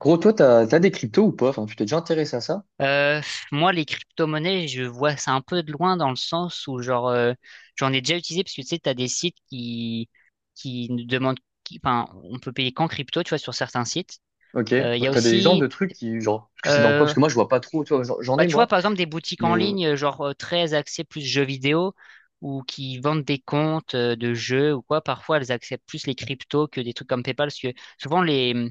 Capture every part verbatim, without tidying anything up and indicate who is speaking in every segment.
Speaker 1: Gros, toi, t'as, t'as des cryptos ou pas? Enfin, tu t'es déjà intéressé à ça?
Speaker 2: Euh, Moi, les crypto-monnaies, je vois ça un peu de loin dans le sens où, genre, euh, j'en ai déjà utilisé parce que tu sais, t'as des sites qui, qui nous demandent, qui- enfin, on peut payer qu'en crypto, tu vois, sur certains sites.
Speaker 1: Ok, ouais.
Speaker 2: Euh, Il y a
Speaker 1: T'as des exemples de
Speaker 2: aussi,
Speaker 1: trucs qui, genre, parce que c'est dans quoi?
Speaker 2: euh,
Speaker 1: Parce que moi, je vois pas trop, tu vois, j'en j'en
Speaker 2: bah,
Speaker 1: ai,
Speaker 2: tu vois,
Speaker 1: moi,
Speaker 2: par exemple, des boutiques en
Speaker 1: mais
Speaker 2: ligne, euh, genre euh, très axées plus jeux vidéo, ou qui vendent des comptes, euh, de jeux ou quoi, parfois elles acceptent plus les cryptos que des trucs comme PayPal, parce que souvent les, mm,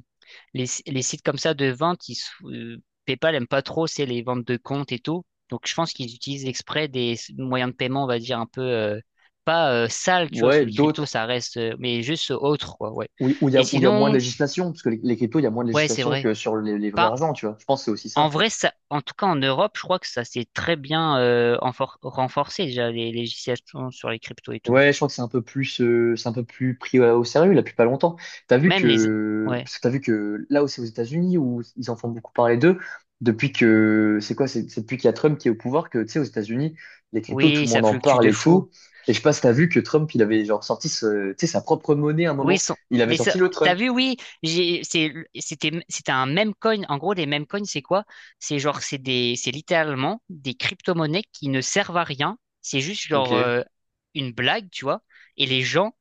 Speaker 2: les, si-, les sites comme ça de vente, ils, s- euh, PayPal aime pas trop, c'est les ventes de comptes et tout. Donc je pense qu'ils utilisent exprès des s- moyens de paiement, on va dire, un peu, euh, pas euh, sales, tu vois, parce
Speaker 1: ouais,
Speaker 2: que les cryptos,
Speaker 1: d'autres
Speaker 2: ça reste, euh, mais juste autre, quoi, ouais.
Speaker 1: où où il y a,
Speaker 2: Et
Speaker 1: où il y a moins de
Speaker 2: sinon,
Speaker 1: législation, parce que les, les cryptos, il y a moins de
Speaker 2: ouais, c'est
Speaker 1: législation
Speaker 2: vrai.
Speaker 1: que sur les, les vrais argents, tu vois. Je pense que c'est aussi
Speaker 2: En
Speaker 1: ça.
Speaker 2: vrai, ça, en tout cas en Europe, je crois que ça s'est très bien, euh, enfor- renforcé déjà les législations sur les cryptos et tout.
Speaker 1: Ouais, je crois que c'est un peu plus, euh, c'est un peu plus pris euh, au sérieux là depuis pas longtemps. T'as vu
Speaker 2: Même les,
Speaker 1: que,
Speaker 2: ouais,
Speaker 1: parce que t'as vu que là aussi aux États-Unis où ils en font beaucoup parler d'eux depuis que c'est quoi, c'est c'est depuis qu'il y a Trump qui est au pouvoir que tu sais aux États-Unis les cryptos tout
Speaker 2: oui,
Speaker 1: le
Speaker 2: ça
Speaker 1: monde en
Speaker 2: fluctue
Speaker 1: parle
Speaker 2: de
Speaker 1: et
Speaker 2: fou.
Speaker 1: tout. Et je sais pas si t'as vu que Trump il avait genre sorti ce, tu sais, sa propre monnaie à un
Speaker 2: Oui, ils
Speaker 1: moment.
Speaker 2: sont,
Speaker 1: Il avait
Speaker 2: mais ça,
Speaker 1: sorti le
Speaker 2: t'as
Speaker 1: Trump.
Speaker 2: vu, oui, j'ai, c'est, c'était, c'était un meme coin. En gros, les meme coins, c'est quoi? C'est genre, c'est des, c'est littéralement des crypto-monnaies qui ne servent à rien. C'est juste
Speaker 1: Ok.
Speaker 2: genre,
Speaker 1: Mais
Speaker 2: euh, une blague, tu vois. Et les gens...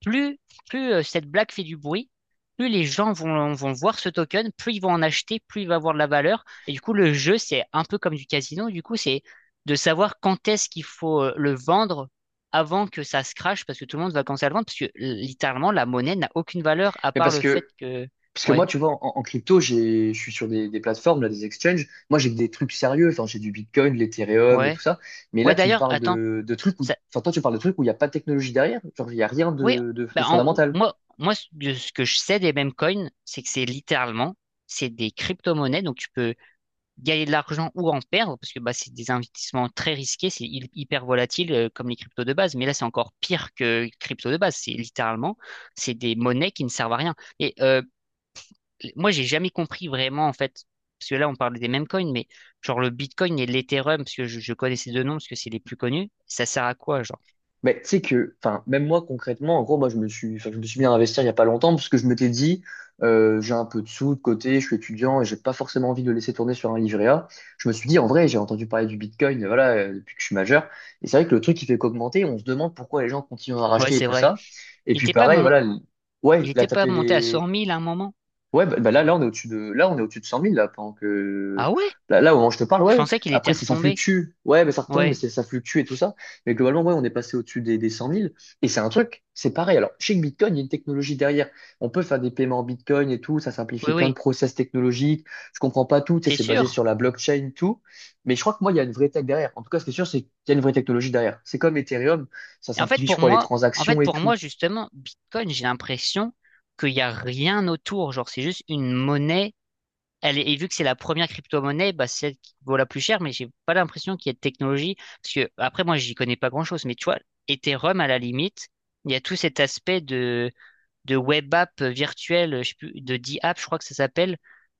Speaker 2: Plus, plus euh, cette blague fait du bruit, plus les gens vont, vont voir ce token, plus ils vont en acheter, plus il va avoir de la valeur. Et du coup, le jeu, c'est un peu comme du casino. Du coup, c'est de savoir quand est-ce qu'il faut, euh, le vendre avant que ça se crache, parce que tout le monde va commencer à le vendre, parce que, euh, littéralement, la monnaie n'a aucune valeur à part
Speaker 1: parce
Speaker 2: le fait
Speaker 1: que
Speaker 2: que...
Speaker 1: Parce que
Speaker 2: Ouais,
Speaker 1: moi, tu vois, en, en crypto, j'ai, je suis sur des, des plateformes, là, des exchanges. Moi, j'ai que des trucs sérieux. Enfin, j'ai du Bitcoin, de l'Ethereum et
Speaker 2: ouais.
Speaker 1: tout ça. Mais là,
Speaker 2: Ouais,
Speaker 1: tu me
Speaker 2: d'ailleurs,
Speaker 1: parles
Speaker 2: attends.
Speaker 1: de, de trucs où,
Speaker 2: Ça...
Speaker 1: enfin, toi, tu parles de trucs où il n'y a pas de technologie derrière. Genre, il n'y a rien
Speaker 2: Oui,
Speaker 1: de, de de
Speaker 2: bah, en-
Speaker 1: fondamental.
Speaker 2: moi, moi, ce de ce que je sais des meme coins, c'est que c'est littéralement, c'est des crypto-monnaies, donc tu peux gagner de l'argent ou en perdre, parce que bah, c'est des investissements très risqués, c'est hy- hyper volatile, euh, comme les cryptos de base, mais là c'est encore pire que les cryptos de base, c'est littéralement, c'est des monnaies qui ne servent à rien. Et euh, moi j'ai jamais compris vraiment en fait, parce que là on parle des mêmes coins, mais genre le Bitcoin et l'Ethereum, parce que je, je connais ces deux noms, parce que c'est les plus connus, ça sert à quoi genre?
Speaker 1: Mais tu sais que, enfin, même moi concrètement, en gros, moi je me suis, enfin, je me suis mis à investir il y a pas longtemps parce que je m'étais dit, euh, j'ai un peu de sous de côté, je suis étudiant et j'ai pas forcément envie de le laisser tourner sur un livret A. Je me suis dit, en vrai, j'ai entendu parler du Bitcoin, euh, voilà, euh, depuis que je suis majeur. Et c'est vrai que le truc qui fait qu'augmenter, on se demande pourquoi les gens continuent à
Speaker 2: Ouais,
Speaker 1: racheter et
Speaker 2: c'est
Speaker 1: tout
Speaker 2: vrai.
Speaker 1: ça. Et
Speaker 2: Il
Speaker 1: puis
Speaker 2: était pas
Speaker 1: pareil,
Speaker 2: mon...
Speaker 1: voilà, le- ouais,
Speaker 2: Il
Speaker 1: il a
Speaker 2: était pas
Speaker 1: tapé
Speaker 2: monté à
Speaker 1: les.
Speaker 2: cent mille à un moment.
Speaker 1: Ouais, bah, bah là, là, on est au-dessus de, là, on est au-dessus de cent mille, là, pendant que,
Speaker 2: Ah ouais?
Speaker 1: là, là, au moment où je te parle, ouais,
Speaker 2: Je
Speaker 1: ouais.
Speaker 2: pensais qu'il était
Speaker 1: Après, ça, ça
Speaker 2: retombé.
Speaker 1: fluctue. Ouais, mais ça retombe, mais
Speaker 2: Ouais,
Speaker 1: c'est- ça fluctue et tout ça. Mais globalement, ouais, on est passé au-dessus des, des cent mille. Et c'est un truc, c'est pareil. Alors, chez Bitcoin, il y a une technologie derrière. On peut faire des paiements en Bitcoin et tout. Ça simplifie
Speaker 2: oui,
Speaker 1: plein de
Speaker 2: oui.
Speaker 1: process technologiques. Je comprends pas tout. Tu sais,
Speaker 2: T'es
Speaker 1: c'est basé sur
Speaker 2: sûr?
Speaker 1: la blockchain, tout. Mais je crois que moi, il y a une vraie tech derrière. En tout cas, ce qui est sûr, c'est qu'il y a une vraie technologie derrière. C'est comme Ethereum. Ça
Speaker 2: Et en fait,
Speaker 1: simplifie, je
Speaker 2: pour
Speaker 1: crois, les
Speaker 2: moi, en
Speaker 1: transactions
Speaker 2: fait,
Speaker 1: et
Speaker 2: pour
Speaker 1: tout.
Speaker 2: moi, justement, Bitcoin, j'ai l'impression qu'il n'y a rien autour. Genre, c'est juste une monnaie. Elle est- et vu que c'est la première crypto-monnaie, bah, c'est celle qui vaut la plus chère, mais j'ai pas l'impression qu'il y ait de technologie. Parce que, après, moi, j'y connais pas grand-chose, mais tu vois, Ethereum, à la limite, il y a tout cet aspect de web app virtuelle, je sais plus, de D-App, je crois que ça s'appelle,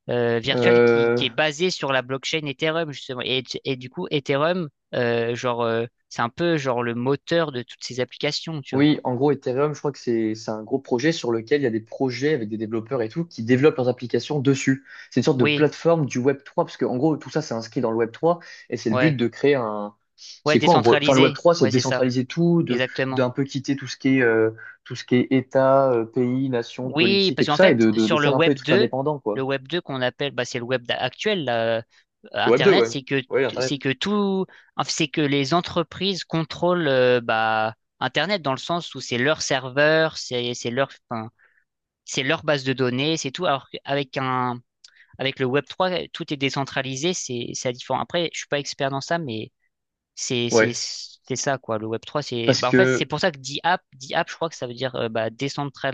Speaker 2: euh, virtuelle qui,
Speaker 1: Euh,
Speaker 2: qui est basée sur la blockchain Ethereum, justement. Et, et du coup, Ethereum, euh, genre, euh, c'est un peu genre le moteur de toutes ces applications, tu vois.
Speaker 1: Oui, en gros, Ethereum, je crois que c'est c'est un gros projet sur lequel il y a des projets avec des développeurs et tout qui développent leurs applications dessus. C'est une sorte de
Speaker 2: Oui,
Speaker 1: plateforme du Web trois parce que en gros, tout ça, c'est inscrit dans le Web trois et c'est le but
Speaker 2: ouais,
Speaker 1: de créer un.
Speaker 2: ouais,
Speaker 1: C'est quoi en gros? Enfin, le Web
Speaker 2: décentralisé,
Speaker 1: trois c'est de
Speaker 2: ouais, c'est ça,
Speaker 1: décentraliser tout, de
Speaker 2: exactement.
Speaker 1: d'un peu quitter tout ce qui est euh, tout ce qui est État, euh, pays, nation,
Speaker 2: Oui,
Speaker 1: politique et
Speaker 2: parce
Speaker 1: tout
Speaker 2: qu'en
Speaker 1: ça, et
Speaker 2: fait,
Speaker 1: de, de, de
Speaker 2: sur le
Speaker 1: faire un peu des
Speaker 2: Web
Speaker 1: trucs
Speaker 2: deux,
Speaker 1: indépendants,
Speaker 2: le
Speaker 1: quoi.
Speaker 2: Web deux qu'on appelle, bah, c'est le Web d'a- actuel, là, euh,
Speaker 1: Le Web deux,
Speaker 2: Internet,
Speaker 1: ouais.
Speaker 2: c'est que
Speaker 1: Oui,
Speaker 2: t- c'est
Speaker 1: Internet.
Speaker 2: que tout, en fait, c'est que les entreprises contrôlent, euh, bah, Internet dans le sens où c'est leur serveur, c'est c'est leur, enfin, c'est leur base de données, c'est tout. Alors qu'avec un, avec le Web trois, euh, tout est décentralisé, c'est c'est différent. Après, je suis pas expert dans ça, mais c'est c'est
Speaker 1: Ouais.
Speaker 2: c'est ça quoi. Le Web trois, c'est,
Speaker 1: Parce
Speaker 2: bah, en fait, c'est
Speaker 1: que
Speaker 2: pour ça que DApp, DApp, je crois que ça veut dire, euh, bah,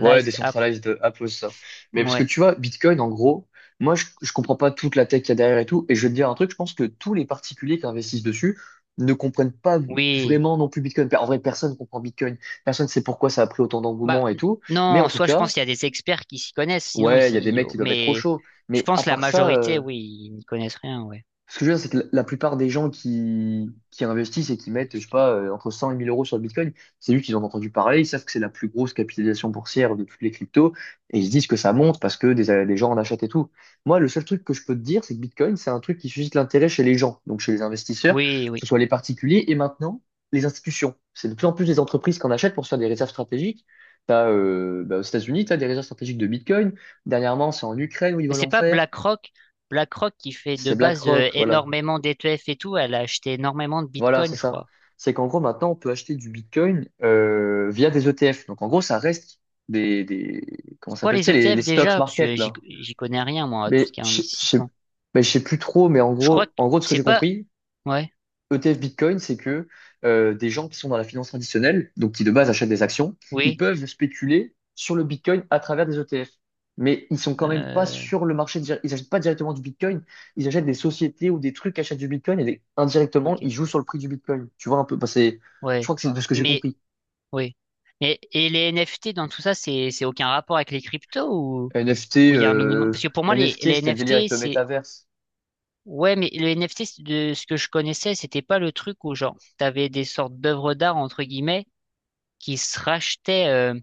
Speaker 1: Ouais,
Speaker 2: app.
Speaker 1: décentralized Apple, ça. Mais parce que
Speaker 2: Ouais.
Speaker 1: tu vois, Bitcoin, en gros, moi, je, je comprends pas toute la tech qu'il y a derrière et tout. Et je vais te dire un truc, je pense que tous les particuliers qui investissent dessus ne comprennent pas
Speaker 2: Oui.
Speaker 1: vraiment non plus Bitcoin. Enfin, en vrai, personne comprend Bitcoin. Personne sait pourquoi ça a pris autant
Speaker 2: Bah,
Speaker 1: d'engouement et
Speaker 2: n-
Speaker 1: tout. Mais en
Speaker 2: non,
Speaker 1: tout
Speaker 2: soit je pense
Speaker 1: cas,
Speaker 2: qu'il y a des experts qui s'y connaissent, sinon
Speaker 1: ouais, il y a des
Speaker 2: ici,
Speaker 1: mecs qui doivent être trop
Speaker 2: mais
Speaker 1: chauds.
Speaker 2: je
Speaker 1: Mais à
Speaker 2: pense la
Speaker 1: part ça,
Speaker 2: majorité,
Speaker 1: euh,
Speaker 2: oui, ils n'y connaissent rien, ouais.
Speaker 1: ce que je veux dire, c'est que la la plupart des gens qui, qui investissent et qui mettent, je sais pas, euh, entre cent et mille euros sur le Bitcoin, c'est juste qu'ils ont entendu parler, ils savent que c'est la plus grosse capitalisation boursière de toutes les cryptos, et ils se disent que ça monte parce que des, des gens en achètent et tout. Moi, le seul truc que je peux te dire, c'est que Bitcoin, c'est un truc qui suscite l'intérêt chez les gens, donc chez les investisseurs, que
Speaker 2: Oui,
Speaker 1: ce
Speaker 2: oui.
Speaker 1: soit les particuliers et maintenant les institutions. C'est de plus en plus des entreprises qui en achètent pour se faire des réserves stratégiques. T'as, euh, bah, aux États-Unis, tu as des réserves stratégiques de Bitcoin. Dernièrement, c'est en Ukraine où ils
Speaker 2: Mais
Speaker 1: veulent
Speaker 2: c'est
Speaker 1: en
Speaker 2: pas
Speaker 1: faire.
Speaker 2: BlackRock. BlackRock qui fait de
Speaker 1: C'est
Speaker 2: base, euh,
Speaker 1: BlackRock, voilà.
Speaker 2: énormément d'E T F et tout, elle a acheté énormément de
Speaker 1: Voilà,
Speaker 2: Bitcoin,
Speaker 1: c'est
Speaker 2: je
Speaker 1: ça.
Speaker 2: crois.
Speaker 1: C'est qu'en gros, maintenant, on peut acheter du Bitcoin euh, via des E T F. Donc, en gros, ça reste des, des comment
Speaker 2: C'est
Speaker 1: ça
Speaker 2: quoi
Speaker 1: s'appelle, tu
Speaker 2: les
Speaker 1: sais, les, les
Speaker 2: E T F
Speaker 1: stocks
Speaker 2: déjà? Parce
Speaker 1: market,
Speaker 2: que j'y
Speaker 1: là.
Speaker 2: j'y connais rien, moi, à tout
Speaker 1: Mais
Speaker 2: ce qui est
Speaker 1: je je sais
Speaker 2: investissement.
Speaker 1: mais je sais plus trop, mais en
Speaker 2: Je crois
Speaker 1: gros,
Speaker 2: que
Speaker 1: en gros, de ce que
Speaker 2: c'est
Speaker 1: j'ai
Speaker 2: pas,
Speaker 1: compris,
Speaker 2: ouais,
Speaker 1: E T F Bitcoin, c'est que euh, des gens qui sont dans la finance traditionnelle, donc qui de base achètent des actions, ils
Speaker 2: oui,
Speaker 1: peuvent spéculer sur le Bitcoin à travers des E T F. Mais ils sont quand même pas
Speaker 2: euh,
Speaker 1: sur le marché, dir- ils achètent pas directement du Bitcoin, ils achètent des sociétés ou des trucs qui achètent du Bitcoin et des- indirectement,
Speaker 2: ok,
Speaker 1: ils jouent sur le prix du Bitcoin. Tu vois un peu, bah, c'est- je
Speaker 2: ouais.
Speaker 1: crois que c'est de ce que j'ai
Speaker 2: Mais,
Speaker 1: compris.
Speaker 2: oui. Et, et les N F T dans tout ça, c'est, c'est aucun rapport avec les cryptos ou? Où
Speaker 1: N F T,
Speaker 2: il y a un minimum.
Speaker 1: euh,
Speaker 2: Parce que pour moi, les,
Speaker 1: N F T,
Speaker 2: les
Speaker 1: c'était le délire
Speaker 2: N F T,
Speaker 1: avec le
Speaker 2: c'est.
Speaker 1: métaverse.
Speaker 2: Ouais, mais le N F T, c'est de ce que je connaissais, c'était pas le truc où, genre, t'avais des sortes d'œuvres d'art, entre guillemets, qui se rachetaient, euh,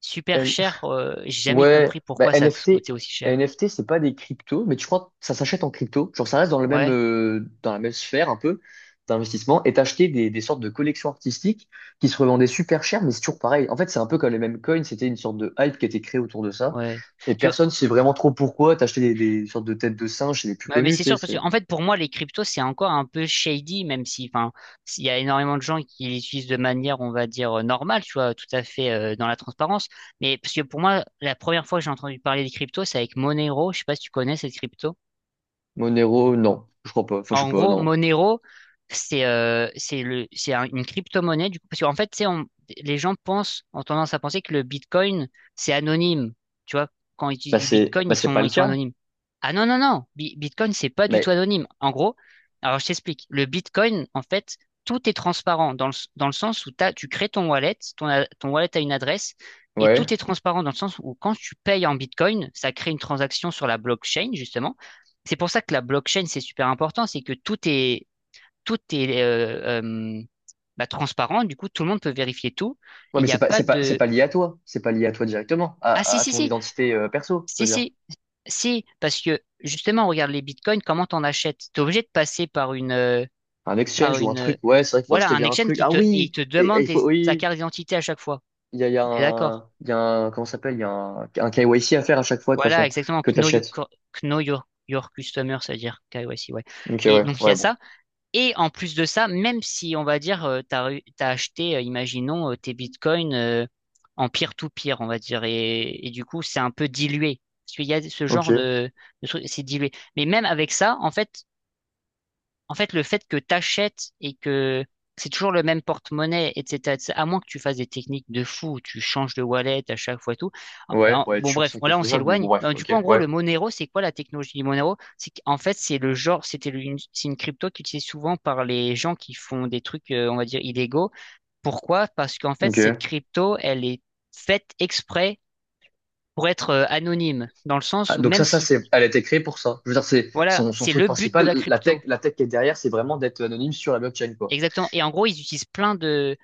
Speaker 2: super cher. Euh, j'ai jamais
Speaker 1: Ouais,
Speaker 2: compris
Speaker 1: bah,
Speaker 2: pourquoi ça
Speaker 1: NFT,
Speaker 2: coûtait aussi cher.
Speaker 1: N F T, c'est pas des cryptos, mais tu crois que ça s'achète en crypto. Genre, ça reste dans le même,
Speaker 2: Ouais,
Speaker 1: euh, dans la même sphère un peu d'investissement et t'acheter des, des sortes de collections artistiques qui se revendaient super cher, mais c'est toujours pareil. En fait, c'est un peu comme les mêmes coins, c'était une sorte de hype qui a été créée autour de ça.
Speaker 2: ouais.
Speaker 1: Et
Speaker 2: Tu vois,
Speaker 1: personne sait vraiment trop pourquoi t'acheter des, des sortes de têtes de singes, c'est les plus
Speaker 2: ouais, mais
Speaker 1: connus,
Speaker 2: c'est
Speaker 1: tu sais,
Speaker 2: sûr, parce que,
Speaker 1: c'est.
Speaker 2: en fait, pour moi, les cryptos, c'est encore un peu shady, même si, enfin, s'il y a énormément de gens qui les utilisent de manière, on va dire, euh, normale, tu vois, tout à fait, euh, dans la transparence. Mais parce que pour moi, la première fois que j'ai entendu parler des cryptos, c'est avec Monero. Je sais pas si tu connais cette crypto.
Speaker 1: Monero, non, je crois pas. Enfin, je sais
Speaker 2: En
Speaker 1: pas,
Speaker 2: gros,
Speaker 1: non.
Speaker 2: Monero, c'est euh, c'est le, c'est un- une crypto-monnaie, du coup, parce qu'en fait, tu sais, on- les gens pensent, ont tendance à penser que le Bitcoin, c'est anonyme. Tu vois, quand ils utilisent
Speaker 1: Bah,
Speaker 2: du
Speaker 1: c'est,
Speaker 2: Bitcoin,
Speaker 1: bah,
Speaker 2: ils
Speaker 1: c'est pas
Speaker 2: sont,
Speaker 1: le
Speaker 2: ils sont
Speaker 1: cas.
Speaker 2: anonymes. Ah non, non, non, Bi- Bitcoin, c'est pas du tout
Speaker 1: Mais,
Speaker 2: anonyme. En gros, alors je t'explique, le Bitcoin, en fait, tout est transparent dans le, s- dans le sens où t'as, tu crées ton wallet, ton, a- ton wallet a une adresse, et tout
Speaker 1: ouais.
Speaker 2: est transparent dans le sens où quand tu payes en Bitcoin, ça crée une transaction sur la blockchain, justement. C'est pour ça que la blockchain, c'est super important, c'est que tout est, tout est euh, euh, bah, transparent, du coup, tout le monde peut vérifier tout,
Speaker 1: Ouais,
Speaker 2: et il
Speaker 1: mais
Speaker 2: n'y
Speaker 1: c'est
Speaker 2: a
Speaker 1: pas,
Speaker 2: pas
Speaker 1: c'est pas, c'est
Speaker 2: de...
Speaker 1: pas lié à toi. C'est pas lié à toi directement,
Speaker 2: Ah
Speaker 1: à,
Speaker 2: si,
Speaker 1: à
Speaker 2: si,
Speaker 1: ton
Speaker 2: si,
Speaker 1: identité, euh, perso, je
Speaker 2: si,
Speaker 1: veux dire.
Speaker 2: si, si, parce que justement, regarde les bitcoins, comment t'en achètes? T'es obligé de passer par une... euh,
Speaker 1: Un
Speaker 2: par
Speaker 1: exchange ou un
Speaker 2: une euh,
Speaker 1: truc. Ouais, c'est vrai qu'il faut
Speaker 2: voilà,
Speaker 1: acheter
Speaker 2: un
Speaker 1: via un
Speaker 2: exchange
Speaker 1: truc.
Speaker 2: qui
Speaker 1: Ah
Speaker 2: te, et il
Speaker 1: oui!
Speaker 2: te
Speaker 1: Et, et
Speaker 2: demande
Speaker 1: il
Speaker 2: des,
Speaker 1: faut,
Speaker 2: sa
Speaker 1: oui,
Speaker 2: carte d'identité à chaque fois.
Speaker 1: il y a, il y a
Speaker 2: On est d'accord.
Speaker 1: un, il y a un, comment ça s'appelle? Il y a un, un K Y C à faire à chaque fois, de toute
Speaker 2: Voilà,
Speaker 1: façon,
Speaker 2: exactement,
Speaker 1: que
Speaker 2: Know Your,
Speaker 1: t'achètes.
Speaker 2: Know Your, Your Customer, c'est-à-dire K Y C, ouais.
Speaker 1: Ok,
Speaker 2: Et
Speaker 1: ouais,
Speaker 2: donc, il y
Speaker 1: ouais,
Speaker 2: a
Speaker 1: bon.
Speaker 2: ça. Et en plus de ça, même si on va dire, euh, t'as, eu- t'as acheté, euh, imaginons, euh, tes bitcoins, euh, en peer-to-peer, on va dire, et, et du coup, c'est un peu dilué. Parce qu'il y a ce genre
Speaker 1: Ok.
Speaker 2: de, de truc, c'est dilué. Mais même avec ça, en fait, en fait, le fait que t'achètes et que c'est toujours le même porte-monnaie, et cetera, et cetera, à moins que tu fasses des techniques de fou, où tu changes de wallet à chaque fois et tout.
Speaker 1: Ouais,
Speaker 2: En-
Speaker 1: ouais,
Speaker 2: Bon,
Speaker 1: toujours
Speaker 2: bref,
Speaker 1: ça qui est
Speaker 2: là, on
Speaker 1: faisable, mais bon,
Speaker 2: s'éloigne.
Speaker 1: bref,
Speaker 2: Euh, Du coup,
Speaker 1: ok,
Speaker 2: en gros,
Speaker 1: ouais.
Speaker 2: le Monero, c'est quoi la technologie du Monero? C'est qu'en fait, c'est le genre, c'était le- une, c'est une crypto qui utilisée souvent par les gens qui font des trucs, euh, on va dire, illégaux. Pourquoi? Parce qu'en fait, cette
Speaker 1: Ok.
Speaker 2: crypto, elle est faite exprès pour être, euh, anonyme, dans le
Speaker 1: Ah,
Speaker 2: sens où
Speaker 1: donc ça,
Speaker 2: même
Speaker 1: ça,
Speaker 2: si,
Speaker 1: c'est, elle a été créée pour ça. Je veux dire, c'est
Speaker 2: voilà,
Speaker 1: son, son
Speaker 2: c'est
Speaker 1: truc
Speaker 2: le but de
Speaker 1: principal.
Speaker 2: la
Speaker 1: La tech,
Speaker 2: crypto.
Speaker 1: la tech qui est derrière, c'est vraiment d'être anonyme sur la blockchain, quoi.
Speaker 2: Exactement. Et en gros, ils utilisent plein de...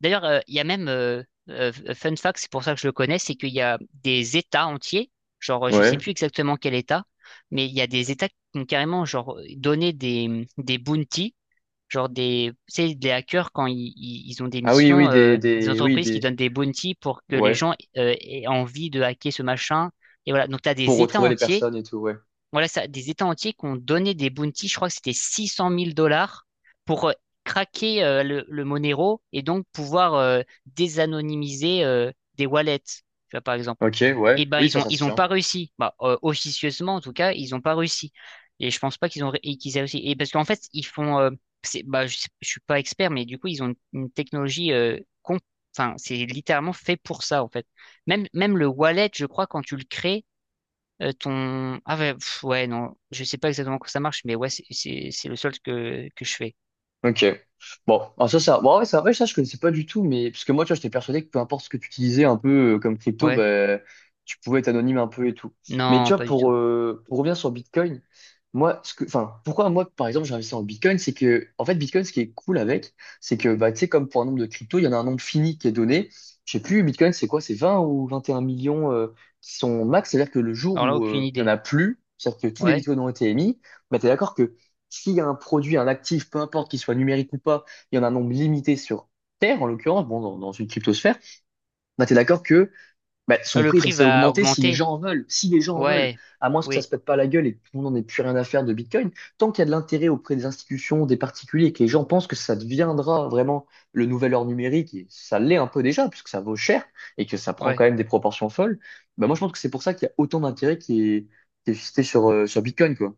Speaker 2: D'ailleurs, euh, il y a même, euh, euh, fun fact, c'est pour ça que je le connais, c'est qu'il y a des États entiers, genre, euh, je sais
Speaker 1: Ouais.
Speaker 2: plus exactement quel État, mais il y a des États qui ont carrément genre, euh, donné des, des bounties, genre des, tu sais, des hackers quand ils, ils- ils ont des
Speaker 1: Ah oui,
Speaker 2: missions,
Speaker 1: oui, des,
Speaker 2: euh, des
Speaker 1: des, oui,
Speaker 2: entreprises qui
Speaker 1: des,
Speaker 2: donnent des bounties pour que les
Speaker 1: ouais.
Speaker 2: gens euh, aient envie de hacker ce machin. Et voilà, donc tu as
Speaker 1: Pour
Speaker 2: des États
Speaker 1: retrouver les
Speaker 2: entiers
Speaker 1: personnes et tout, ouais.
Speaker 2: voilà ça, des États entiers qui ont donné des bounties, je crois que c'était six cent mille dollars pour euh, craquer, euh, le, le Monero et donc pouvoir, euh, désanonymiser, euh, des wallets, tu vois, par exemple.
Speaker 1: Ok,
Speaker 2: Et
Speaker 1: ouais.
Speaker 2: ben
Speaker 1: Oui,
Speaker 2: ils
Speaker 1: ça,
Speaker 2: ont
Speaker 1: ça se
Speaker 2: ils ont
Speaker 1: tient.
Speaker 2: pas réussi, bah, euh, officieusement en tout cas, ils ont pas réussi. Et je pense pas qu'ils ont ré- et qu'ils aient réussi. Et parce qu'en fait ils font, euh, c'est, bah je, sais- je suis pas expert, mais du coup ils ont une, une technologie, euh, com- enfin, c'est littéralement fait pour ça, en fait. Même, même le wallet, je crois, quand tu le crées, euh, ton... Ah ouais, pff, ouais, non. Je sais pas exactement comment ça marche, mais ouais, c'est c'est- c'est le solde que, que je fais.
Speaker 1: Ok. Bon, alors ça, ça, bon, ouais, ça, ouais, ça, je connaissais pas du tout, mais parce que moi, tu vois, j'étais persuadé que peu importe ce que tu utilisais un peu euh, comme crypto,
Speaker 2: Ouais.
Speaker 1: bah, tu pouvais être anonyme un peu et tout. Mais tu
Speaker 2: Non,
Speaker 1: vois,
Speaker 2: pas du
Speaker 1: pour,
Speaker 2: tout.
Speaker 1: euh, pour revenir sur Bitcoin, moi, ce que, enfin, pourquoi moi, par exemple, j'ai investi en Bitcoin, c'est que, en fait, Bitcoin, ce qui est cool avec, c'est que, bah, tu sais, comme pour un nombre de crypto, il y en a un nombre fini qui est donné. Je sais plus, Bitcoin, c'est quoi? C'est vingt ou vingt et un millions euh, qui sont max, c'est-à-dire que le jour
Speaker 2: Alors là,
Speaker 1: où
Speaker 2: aucune
Speaker 1: euh, il y en
Speaker 2: idée.
Speaker 1: a plus, c'est-à-dire que tous les
Speaker 2: Ouais.
Speaker 1: Bitcoins ont été émis, bah, t'es d'accord que s'il y a un produit, un actif, peu importe qu'il soit numérique ou pas, il y en a un nombre limité sur Terre, en l'occurrence, bon, dans, dans une cryptosphère, bah, tu es d'accord que bah,
Speaker 2: Ah,
Speaker 1: son
Speaker 2: le
Speaker 1: prix est
Speaker 2: prix
Speaker 1: censé
Speaker 2: va
Speaker 1: augmenter si les
Speaker 2: augmenter.
Speaker 1: gens en veulent. Si les gens en veulent,
Speaker 2: Ouais.
Speaker 1: à moins que ça se
Speaker 2: Oui.
Speaker 1: pète pas la gueule et que tout le monde n'en ait plus rien à faire de Bitcoin, tant qu'il y a de l'intérêt auprès des institutions, des particuliers, et que les gens pensent que ça deviendra vraiment le nouvel or numérique, et ça l'est un peu déjà, puisque ça vaut cher et que ça prend
Speaker 2: Ouais.
Speaker 1: quand même des proportions folles, bah, moi je pense que c'est pour ça qu'il y a autant d'intérêt qui est, qui est suscité sur, euh, sur Bitcoin, quoi.